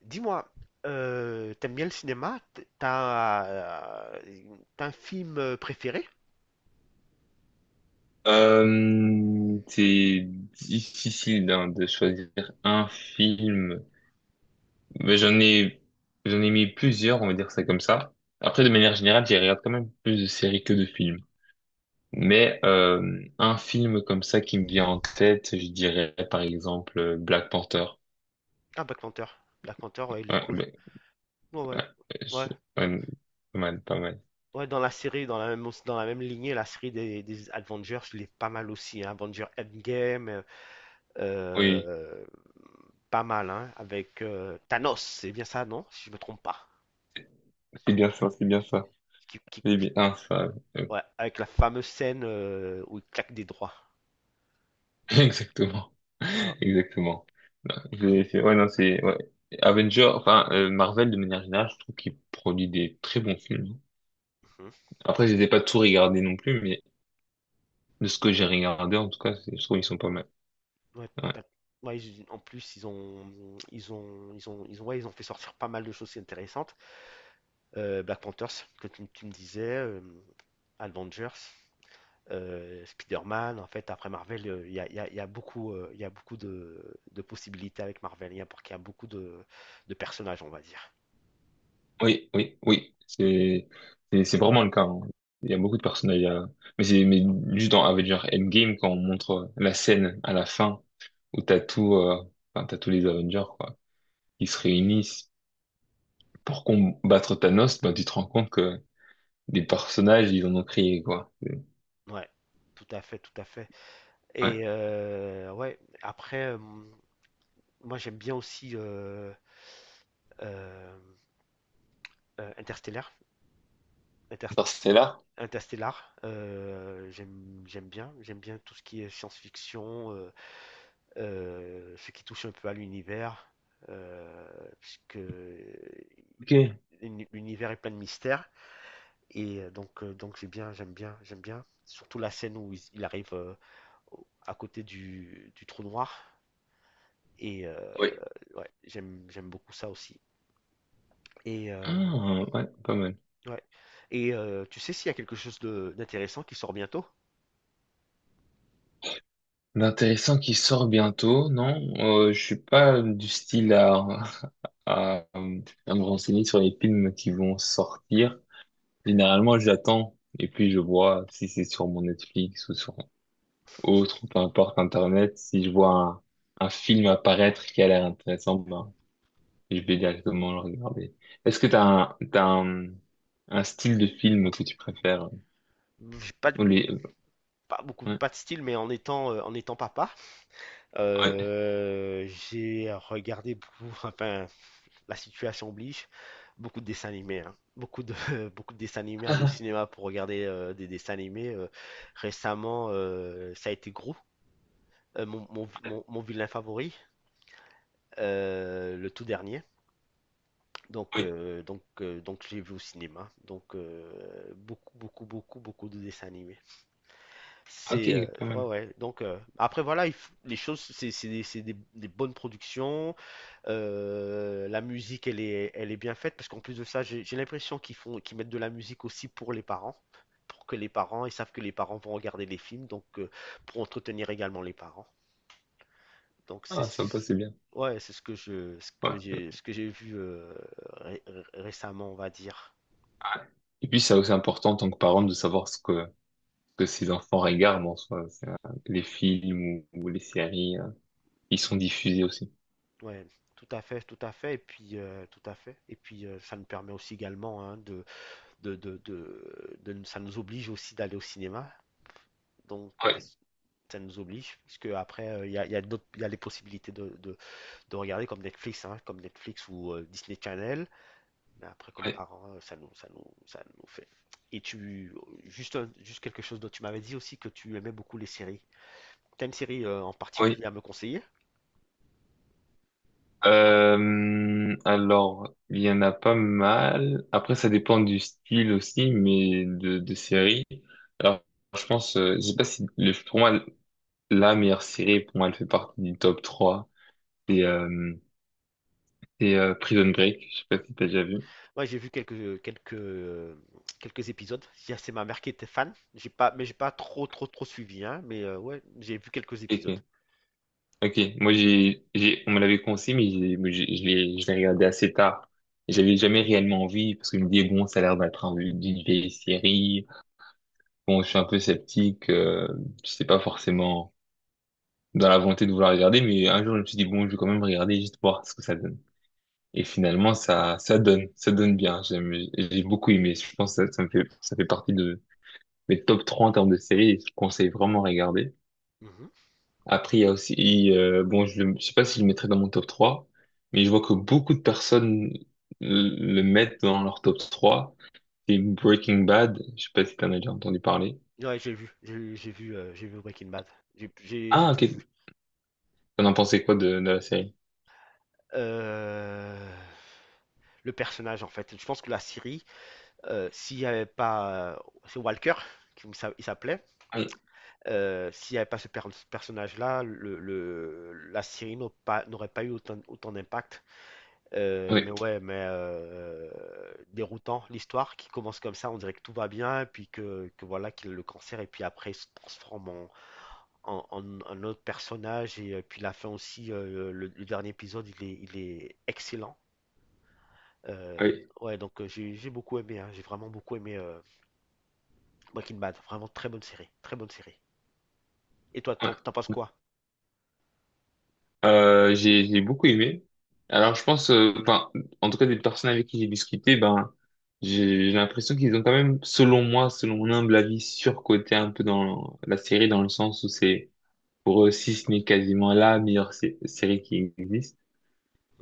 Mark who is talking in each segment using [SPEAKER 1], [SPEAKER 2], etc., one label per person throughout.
[SPEAKER 1] Dis-moi, t'aimes bien le cinéma? Euh, t'as un film préféré?
[SPEAKER 2] C'est difficile hein, de choisir un film. Mais j'en ai mis plusieurs, on va dire ça comme ça. Après, de manière générale, j'y regarde quand même plus de séries que de films. Mais un film comme ça qui me vient en tête, je dirais par exemple Black Panther.
[SPEAKER 1] Ah, Black Panther. Black Panther, ouais, il est
[SPEAKER 2] Ouais,
[SPEAKER 1] cool.
[SPEAKER 2] mais-
[SPEAKER 1] Ouais, ouais.
[SPEAKER 2] ouais,
[SPEAKER 1] Ouais,
[SPEAKER 2] je- ouais, pas mal, pas mal.
[SPEAKER 1] ouais, dans la série, dans la même lignée, la série des Avengers, je l'ai pas mal aussi, hein. Avengers Endgame,
[SPEAKER 2] Oui,
[SPEAKER 1] euh, pas mal, hein, avec Thanos, c'est bien ça, non? Si je me trompe pas.
[SPEAKER 2] c'est bien ça, c'est bien ça.
[SPEAKER 1] Qui, qui-
[SPEAKER 2] C'est
[SPEAKER 1] qui-
[SPEAKER 2] bien ah, ça, euh,
[SPEAKER 1] ouais, avec la fameuse scène où il claque des droits.
[SPEAKER 2] exactement.
[SPEAKER 1] Voilà.
[SPEAKER 2] Exactement. Ouais, non, c'est, ouais. Avenger, enfin, Marvel, de manière générale, je trouve qu'il produit des très bons films. Après, je les ai pas tout regardés non plus, mais de ce que j'ai regardé, en tout cas, je trouve qu'ils sont pas mal.
[SPEAKER 1] Ouais,
[SPEAKER 2] Ouais.
[SPEAKER 1] ouais, en plus ils ont ouais, ils ont fait sortir pas mal de choses intéressantes. Black Panthers que tu me disais, Avengers, Spider-Man. En fait, après Marvel, il y a beaucoup de possibilités avec Marvel. Il y a pour qu'il y a beaucoup de personnages, on va dire.
[SPEAKER 2] Oui, oui, oui. C'est, c'est vraiment le cas. Hein. Il y a beaucoup de personnages. Mais c'est, mais juste dans Avenger Endgame, quand on montre la scène à la fin, où t'as tout, enfin, t'as tous les Avengers, quoi, qui se réunissent pour combattre Thanos, ben, tu te rends compte que des personnages, ils en ont créé, quoi.
[SPEAKER 1] Ouais, tout à fait, tout à fait.
[SPEAKER 2] Ouais.
[SPEAKER 1] Et ouais, après moi j'aime bien aussi euh, Interstellar.
[SPEAKER 2] Par là.
[SPEAKER 1] Interstellar, j'aime bien tout ce qui est science-fiction, ce qui touche un peu à l'univers, puisque
[SPEAKER 2] Ok.
[SPEAKER 1] l'univers est plein de mystères et donc j'ai bien, j'aime bien, j'aime bien, surtout la scène où il arrive à côté du trou noir et
[SPEAKER 2] Oui.
[SPEAKER 1] ouais, j'aime beaucoup ça aussi et
[SPEAKER 2] Ah, ouais, pas mal.
[SPEAKER 1] ouais et tu sais s'il y a quelque chose de d'intéressant qui sort bientôt?
[SPEAKER 2] L'intéressant qui sort bientôt, non? Je suis pas du style à, à me renseigner sur les films qui vont sortir. Généralement, j'attends et puis je vois si c'est sur mon Netflix ou sur autre, peu importe Internet. Si je vois un film apparaître qui a l'air intéressant, ben, je vais directement le regarder. Est-ce que t'as un style de film que tu préfères?
[SPEAKER 1] J'ai pas
[SPEAKER 2] Ou les...
[SPEAKER 1] pas beaucoup,
[SPEAKER 2] Ouais,
[SPEAKER 1] pas de style, mais en étant papa,
[SPEAKER 2] ouais,
[SPEAKER 1] j'ai regardé beaucoup, enfin, la situation oblige, beaucoup de dessins animés, hein. Beaucoup de, beaucoup de dessins animés, aller au cinéma pour regarder des dessins animés. Récemment, ça a été Gros, mon vilain favori, le tout dernier. Donc,
[SPEAKER 2] oui.
[SPEAKER 1] euh, donc, euh, donc, je l'ai vu au cinéma. Donc, beaucoup, beaucoup, beaucoup, beaucoup de dessins animés.
[SPEAKER 2] Ok,
[SPEAKER 1] C'est
[SPEAKER 2] pas
[SPEAKER 1] ouais
[SPEAKER 2] mal.
[SPEAKER 1] ouais donc après voilà les choses c'est des bonnes productions. La musique elle est bien faite parce qu'en plus de ça j'ai l'impression qu'ils mettent de la musique aussi pour les parents, pour que les parents ils savent que les parents vont regarder les films, donc pour entretenir également les parents, donc c'est
[SPEAKER 2] Ah, sympa, c'est bien.
[SPEAKER 1] ouais, c'est ce que je
[SPEAKER 2] Ouais. Ouais.
[SPEAKER 1] ce que j'ai vu récemment, on va dire.
[SPEAKER 2] Et puis, c'est aussi important en tant que parent de savoir ce que ses enfants regardent en soi. C'est, les films ou les séries, ils sont diffusés aussi.
[SPEAKER 1] Ouais, tout à fait, tout à fait, et puis tout à fait, et puis ça nous permet aussi également, hein, ça nous oblige aussi d'aller au cinéma. Donc,
[SPEAKER 2] Ouais,
[SPEAKER 1] ça nous oblige, parce que après, il y a les possibilités de regarder comme Netflix, hein, comme Netflix ou Disney Channel. Mais après, comme
[SPEAKER 2] ouais,
[SPEAKER 1] parents, ça nous fait. Et juste, juste quelque chose dont tu m'avais dit aussi que tu aimais beaucoup les séries. T'as une série en
[SPEAKER 2] oui.
[SPEAKER 1] particulier à me conseiller?
[SPEAKER 2] Alors, il y en a pas mal. Après, ça dépend du style aussi, mais de série. Alors, je pense, je sais pas si, pour moi, la meilleure série, pour moi, elle fait partie du top trois. C'est euh, c'est, Prison Break. Je sais pas si t'as déjà vu.
[SPEAKER 1] Moi, j'ai vu quelques épisodes. Il C'est ma mère qui était fan. J'ai pas, mais j'ai pas trop, trop, trop suivi, hein. Mais ouais, j'ai vu quelques épisodes.
[SPEAKER 2] Ok, ok. Moi, j'ai, on me l'avait conseillé, mais je l'ai regardé assez tard. J'avais jamais réellement envie parce que je me disais, bon, ça a l'air d'être d'une vieille série. Bon, je suis un peu sceptique. Je sais pas forcément dans la volonté de vouloir regarder, mais un jour je me suis dit bon, je vais quand même regarder juste voir ce que ça donne. Et finalement, ça donne bien. J'ai beaucoup aimé. Je pense que ça fait partie de mes top trois en termes de séries. Et je conseille vraiment à regarder.
[SPEAKER 1] Mhm.
[SPEAKER 2] Après, il y a aussi, bon, je sais pas si je le mettrais dans mon top trois, mais je vois que beaucoup de personnes le mettent dans leur top trois. C'est Breaking Bad. Je sais pas si t'en as déjà entendu parler.
[SPEAKER 1] Ouais, j'ai vu Breaking Bad. J'ai
[SPEAKER 2] Ah,
[SPEAKER 1] tout
[SPEAKER 2] ok.
[SPEAKER 1] vu.
[SPEAKER 2] T'en as pensé quoi de la série?
[SPEAKER 1] Euh, le personnage, en fait, je pense que la série, s'il n'y avait pas, c'est Walker, qui me il s'appelait,
[SPEAKER 2] Ah, oui,
[SPEAKER 1] s'il n'y avait pas ce personnage-là, la série n'aurait pas eu autant d'impact.
[SPEAKER 2] oui,
[SPEAKER 1] Mais ouais, mais déroutant, l'histoire qui commence comme ça, on dirait que tout va bien, puis que voilà qu'il a le cancer, et puis après il se transforme en autre personnage. Et puis la fin aussi, le dernier épisode il est excellent. Euh,
[SPEAKER 2] oui.
[SPEAKER 1] ouais donc j'ai beaucoup aimé, hein, j'ai vraiment beaucoup aimé, Breaking Bad, vraiment très bonne série, très bonne série. Et toi,
[SPEAKER 2] Ouais.
[SPEAKER 1] t'en penses quoi?
[SPEAKER 2] J'ai beaucoup aimé. Alors je pense, enfin, en tout cas des personnes avec qui j'ai discuté, ben j'ai l'impression qu'ils ont quand même, selon moi, selon mon humble avis, surcoté un peu dans la série dans le sens où c'est pour eux si ce n'est quasiment la meilleure série qui existe.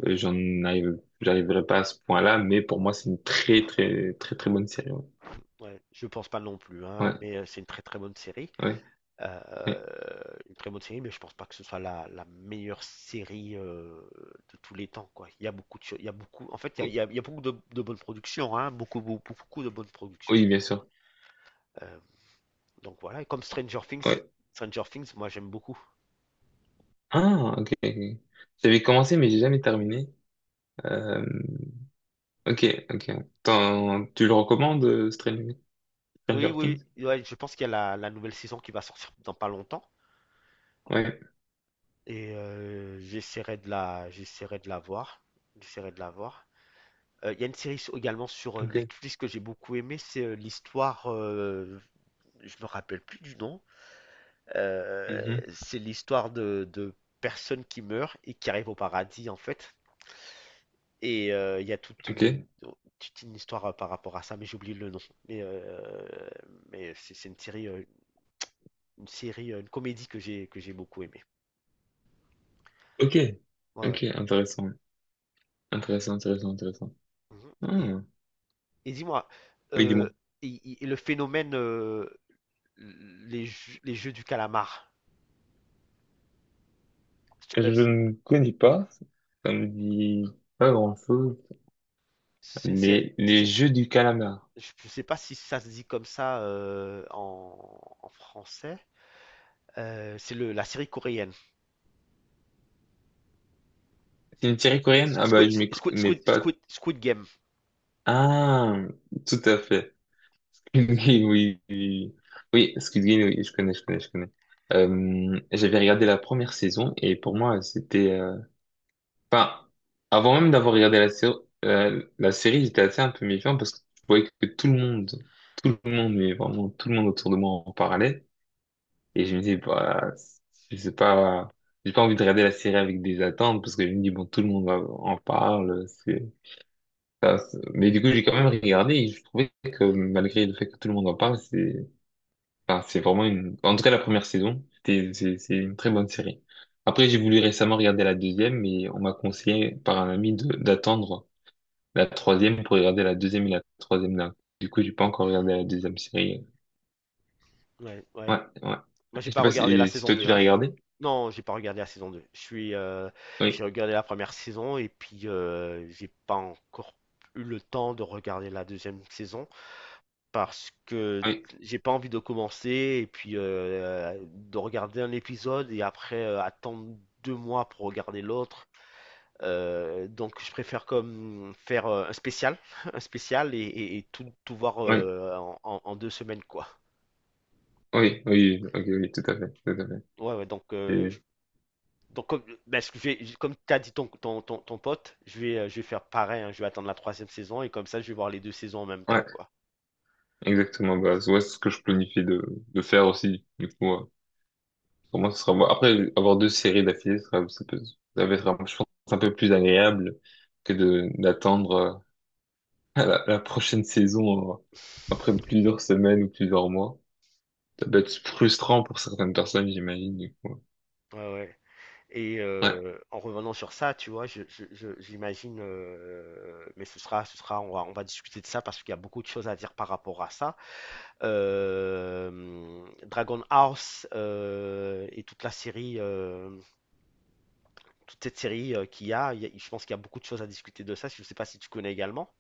[SPEAKER 2] Euh, j'en j'arriverai pas à ce point-là, mais pour moi c'est une très très très très bonne série. Ouais,
[SPEAKER 1] Ouais, je pense pas non plus, hein,
[SPEAKER 2] ouais,
[SPEAKER 1] mais c'est une très très bonne série.
[SPEAKER 2] ouais.
[SPEAKER 1] Euh,
[SPEAKER 2] Ouais.
[SPEAKER 1] une très bonne série, mais je pense pas que ce soit la meilleure série de tous les temps, quoi. Il y a beaucoup, en fait
[SPEAKER 2] O-
[SPEAKER 1] il y a beaucoup de bonnes productions, hein, beaucoup, beaucoup beaucoup de bonnes productions.
[SPEAKER 2] Oui, bien sûr.
[SPEAKER 1] Euh, Donc voilà, et comme Stranger Things,
[SPEAKER 2] Ouais.
[SPEAKER 1] Stranger Things, moi j'aime beaucoup.
[SPEAKER 2] Ah, ok. Ok. J'avais commencé mais j'ai jamais terminé. Euh, Ok, ok. T'en- tu le recommandes,
[SPEAKER 1] Oui,
[SPEAKER 2] Stranger
[SPEAKER 1] oui,
[SPEAKER 2] Things?
[SPEAKER 1] ouais, je pense qu'il y a la nouvelle saison qui va sortir dans pas longtemps.
[SPEAKER 2] Ouais,
[SPEAKER 1] Et j'essaierai de la voir. J'essaierai de la voir. Il y a une série également sur
[SPEAKER 2] ok.
[SPEAKER 1] Netflix que j'ai beaucoup aimée, c'est l'histoire, je me rappelle plus du nom.
[SPEAKER 2] Mhm,
[SPEAKER 1] C'est l'histoire de personnes qui meurent et qui arrivent au paradis, en fait. Et il y a
[SPEAKER 2] ok,
[SPEAKER 1] toute une histoire par rapport à ça, mais j'oublie le nom. Mais, euh, mais c'est une série, une comédie que j'ai beaucoup aimée.
[SPEAKER 2] ok,
[SPEAKER 1] Ouais,
[SPEAKER 2] ok,
[SPEAKER 1] ouais.
[SPEAKER 2] intéressant, intéressant, intéressant, intéressant.
[SPEAKER 1] Mhm.
[SPEAKER 2] Ah,
[SPEAKER 1] Et dis-moi,
[SPEAKER 2] oui, dis-moi.
[SPEAKER 1] euh, et le phénomène, les jeux du calamar,
[SPEAKER 2] Je
[SPEAKER 1] euh,
[SPEAKER 2] ne connais pas, ça me dit pas grand-chose.
[SPEAKER 1] c'est une série.
[SPEAKER 2] Les jeux du calamar.
[SPEAKER 1] Je ne sais pas si ça se dit comme ça en français. C'est le la série coréenne.
[SPEAKER 2] C'est une série coréenne? Ah bah, je m'y connais pas.
[SPEAKER 1] Squid Game.
[SPEAKER 2] Ah, tout à fait. Squid Game, oui, oui. Oui, Squid Game, oui, je connais, je connais, je connais. J'avais regardé la première saison et pour moi, c'était... enfin, avant même d'avoir regardé la série, j'étais assez un peu méfiant parce que je voyais que tout le monde, mais vraiment tout le monde autour de moi en parlait. Et je me dis, bah, je sais pas, j'ai pas envie de regarder la série avec des attentes parce que je me dis, bon, tout le monde va- en parle. C'est- mais du coup, j'ai quand même regardé et je trouvais que malgré le fait que tout le monde en parle, c'est, enfin, c'est vraiment une, en tout cas, la première saison, c'est une très bonne série. Après, j'ai voulu récemment regarder la deuxième, mais on m'a conseillé par un ami d'attendre la troisième pour regarder la deuxième et la troisième là. Du coup, j'ai pas encore regardé la deuxième série.
[SPEAKER 1] Ouais, ouais.
[SPEAKER 2] Ouais, ouais.
[SPEAKER 1] Moi, j'ai
[SPEAKER 2] Je
[SPEAKER 1] pas
[SPEAKER 2] sais pas
[SPEAKER 1] regardé la
[SPEAKER 2] si, si
[SPEAKER 1] saison
[SPEAKER 2] toi tu
[SPEAKER 1] 2,
[SPEAKER 2] l'as
[SPEAKER 1] hein.
[SPEAKER 2] regardé.
[SPEAKER 1] Non, j'ai pas regardé la saison 2.
[SPEAKER 2] Oui,
[SPEAKER 1] J'ai regardé la première saison, et puis j'ai pas encore eu le temps de regarder la deuxième saison parce que
[SPEAKER 2] oui,
[SPEAKER 1] j'ai pas envie de commencer et puis de regarder un épisode et après attendre 2 mois pour regarder l'autre. Donc je préfère comme faire un spécial, un spécial, et et tout, tout voir
[SPEAKER 2] oui,
[SPEAKER 1] en 2 semaines, quoi.
[SPEAKER 2] oui, oui, ok, oui, tout à fait, tout à fait.
[SPEAKER 1] Ouais, ouais, donc
[SPEAKER 2] Et-
[SPEAKER 1] donc, comme, ben, ce que je vais- je- comme tu as dit ton pote, je vais faire pareil, hein, je vais attendre la troisième saison et comme ça, je vais voir les deux saisons en même temps,
[SPEAKER 2] ouais,
[SPEAKER 1] quoi.
[SPEAKER 2] exactement. Bah, ouais, c'est ce que je planifiais de faire aussi. Du coup, pour moi, ce sera bon. Après, avoir deux séries d'affilée, ce sera, ça peut- ça va être, un- je pense, un peu plus agréable que de d'attendre la prochaine saison après plusieurs semaines ou plusieurs mois. Ça doit être frustrant pour certaines personnes, j'imagine, du coup.
[SPEAKER 1] Ouais, ouais. Et
[SPEAKER 2] Ouais.
[SPEAKER 1] en revenant sur ça, tu vois, j'imagine, mais ce sera, on va discuter de ça parce qu'il y a beaucoup de choses à dire par rapport à ça. Dragon House et toute la série, toute cette série qu'il y a, il y a- je pense qu'il y a beaucoup de choses à discuter de ça. Je ne sais pas si tu connais également.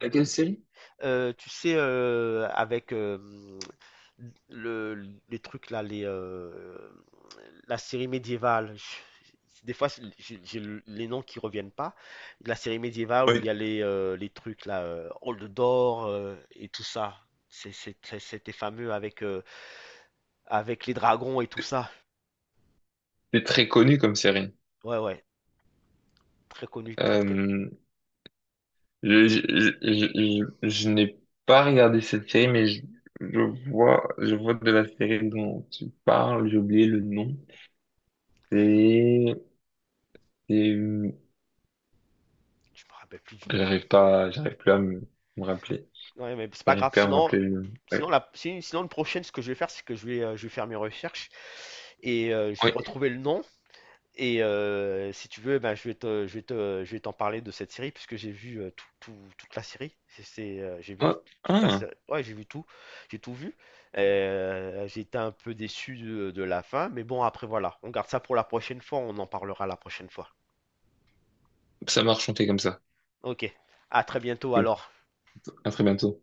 [SPEAKER 2] À quelle série?
[SPEAKER 1] Tu sais, avec le, les trucs là, la série médiévale, des fois j'ai les noms qui reviennent pas. La série médiévale où
[SPEAKER 2] Oui.
[SPEAKER 1] il y a les trucs là, Hold d'or, et tout ça. C'était fameux avec les dragons et tout ça.
[SPEAKER 2] C'est très connu comme série.
[SPEAKER 1] Ouais, ouais, très connu, très très.
[SPEAKER 2] Euh, je, je, je, je n'ai pas regardé cette série, mais je vois de la série dont tu parles, j'ai oublié le nom. C'est, c'est,
[SPEAKER 1] Je me rappelle plus du nom.
[SPEAKER 2] j'arrive pas, j'arrive plus à me rappeler.
[SPEAKER 1] Ouais, mais c'est pas
[SPEAKER 2] J'arrive
[SPEAKER 1] grave.
[SPEAKER 2] plus à me
[SPEAKER 1] Sinon,
[SPEAKER 2] rappeler le nom. Ouais.
[SPEAKER 1] sinon, la, si- Sinon, le prochain, ce que je vais faire, c'est que je vais faire mes recherches et je vais
[SPEAKER 2] Oui.
[SPEAKER 1] retrouver le nom. Et si tu veux, ben, je vais t'en parler de cette série puisque j'ai vu toute la série. J'ai vu
[SPEAKER 2] Oh,
[SPEAKER 1] toute la
[SPEAKER 2] ah,
[SPEAKER 1] série. Ouais, j'ai vu tout. J'ai tout vu. J'ai été un peu déçu de la fin, mais bon, après voilà, on garde ça pour la prochaine fois. On en parlera la prochaine fois.
[SPEAKER 2] ça marche, on fait comme ça.
[SPEAKER 1] Ok. À très bientôt
[SPEAKER 2] Cool.
[SPEAKER 1] alors.
[SPEAKER 2] À très bientôt.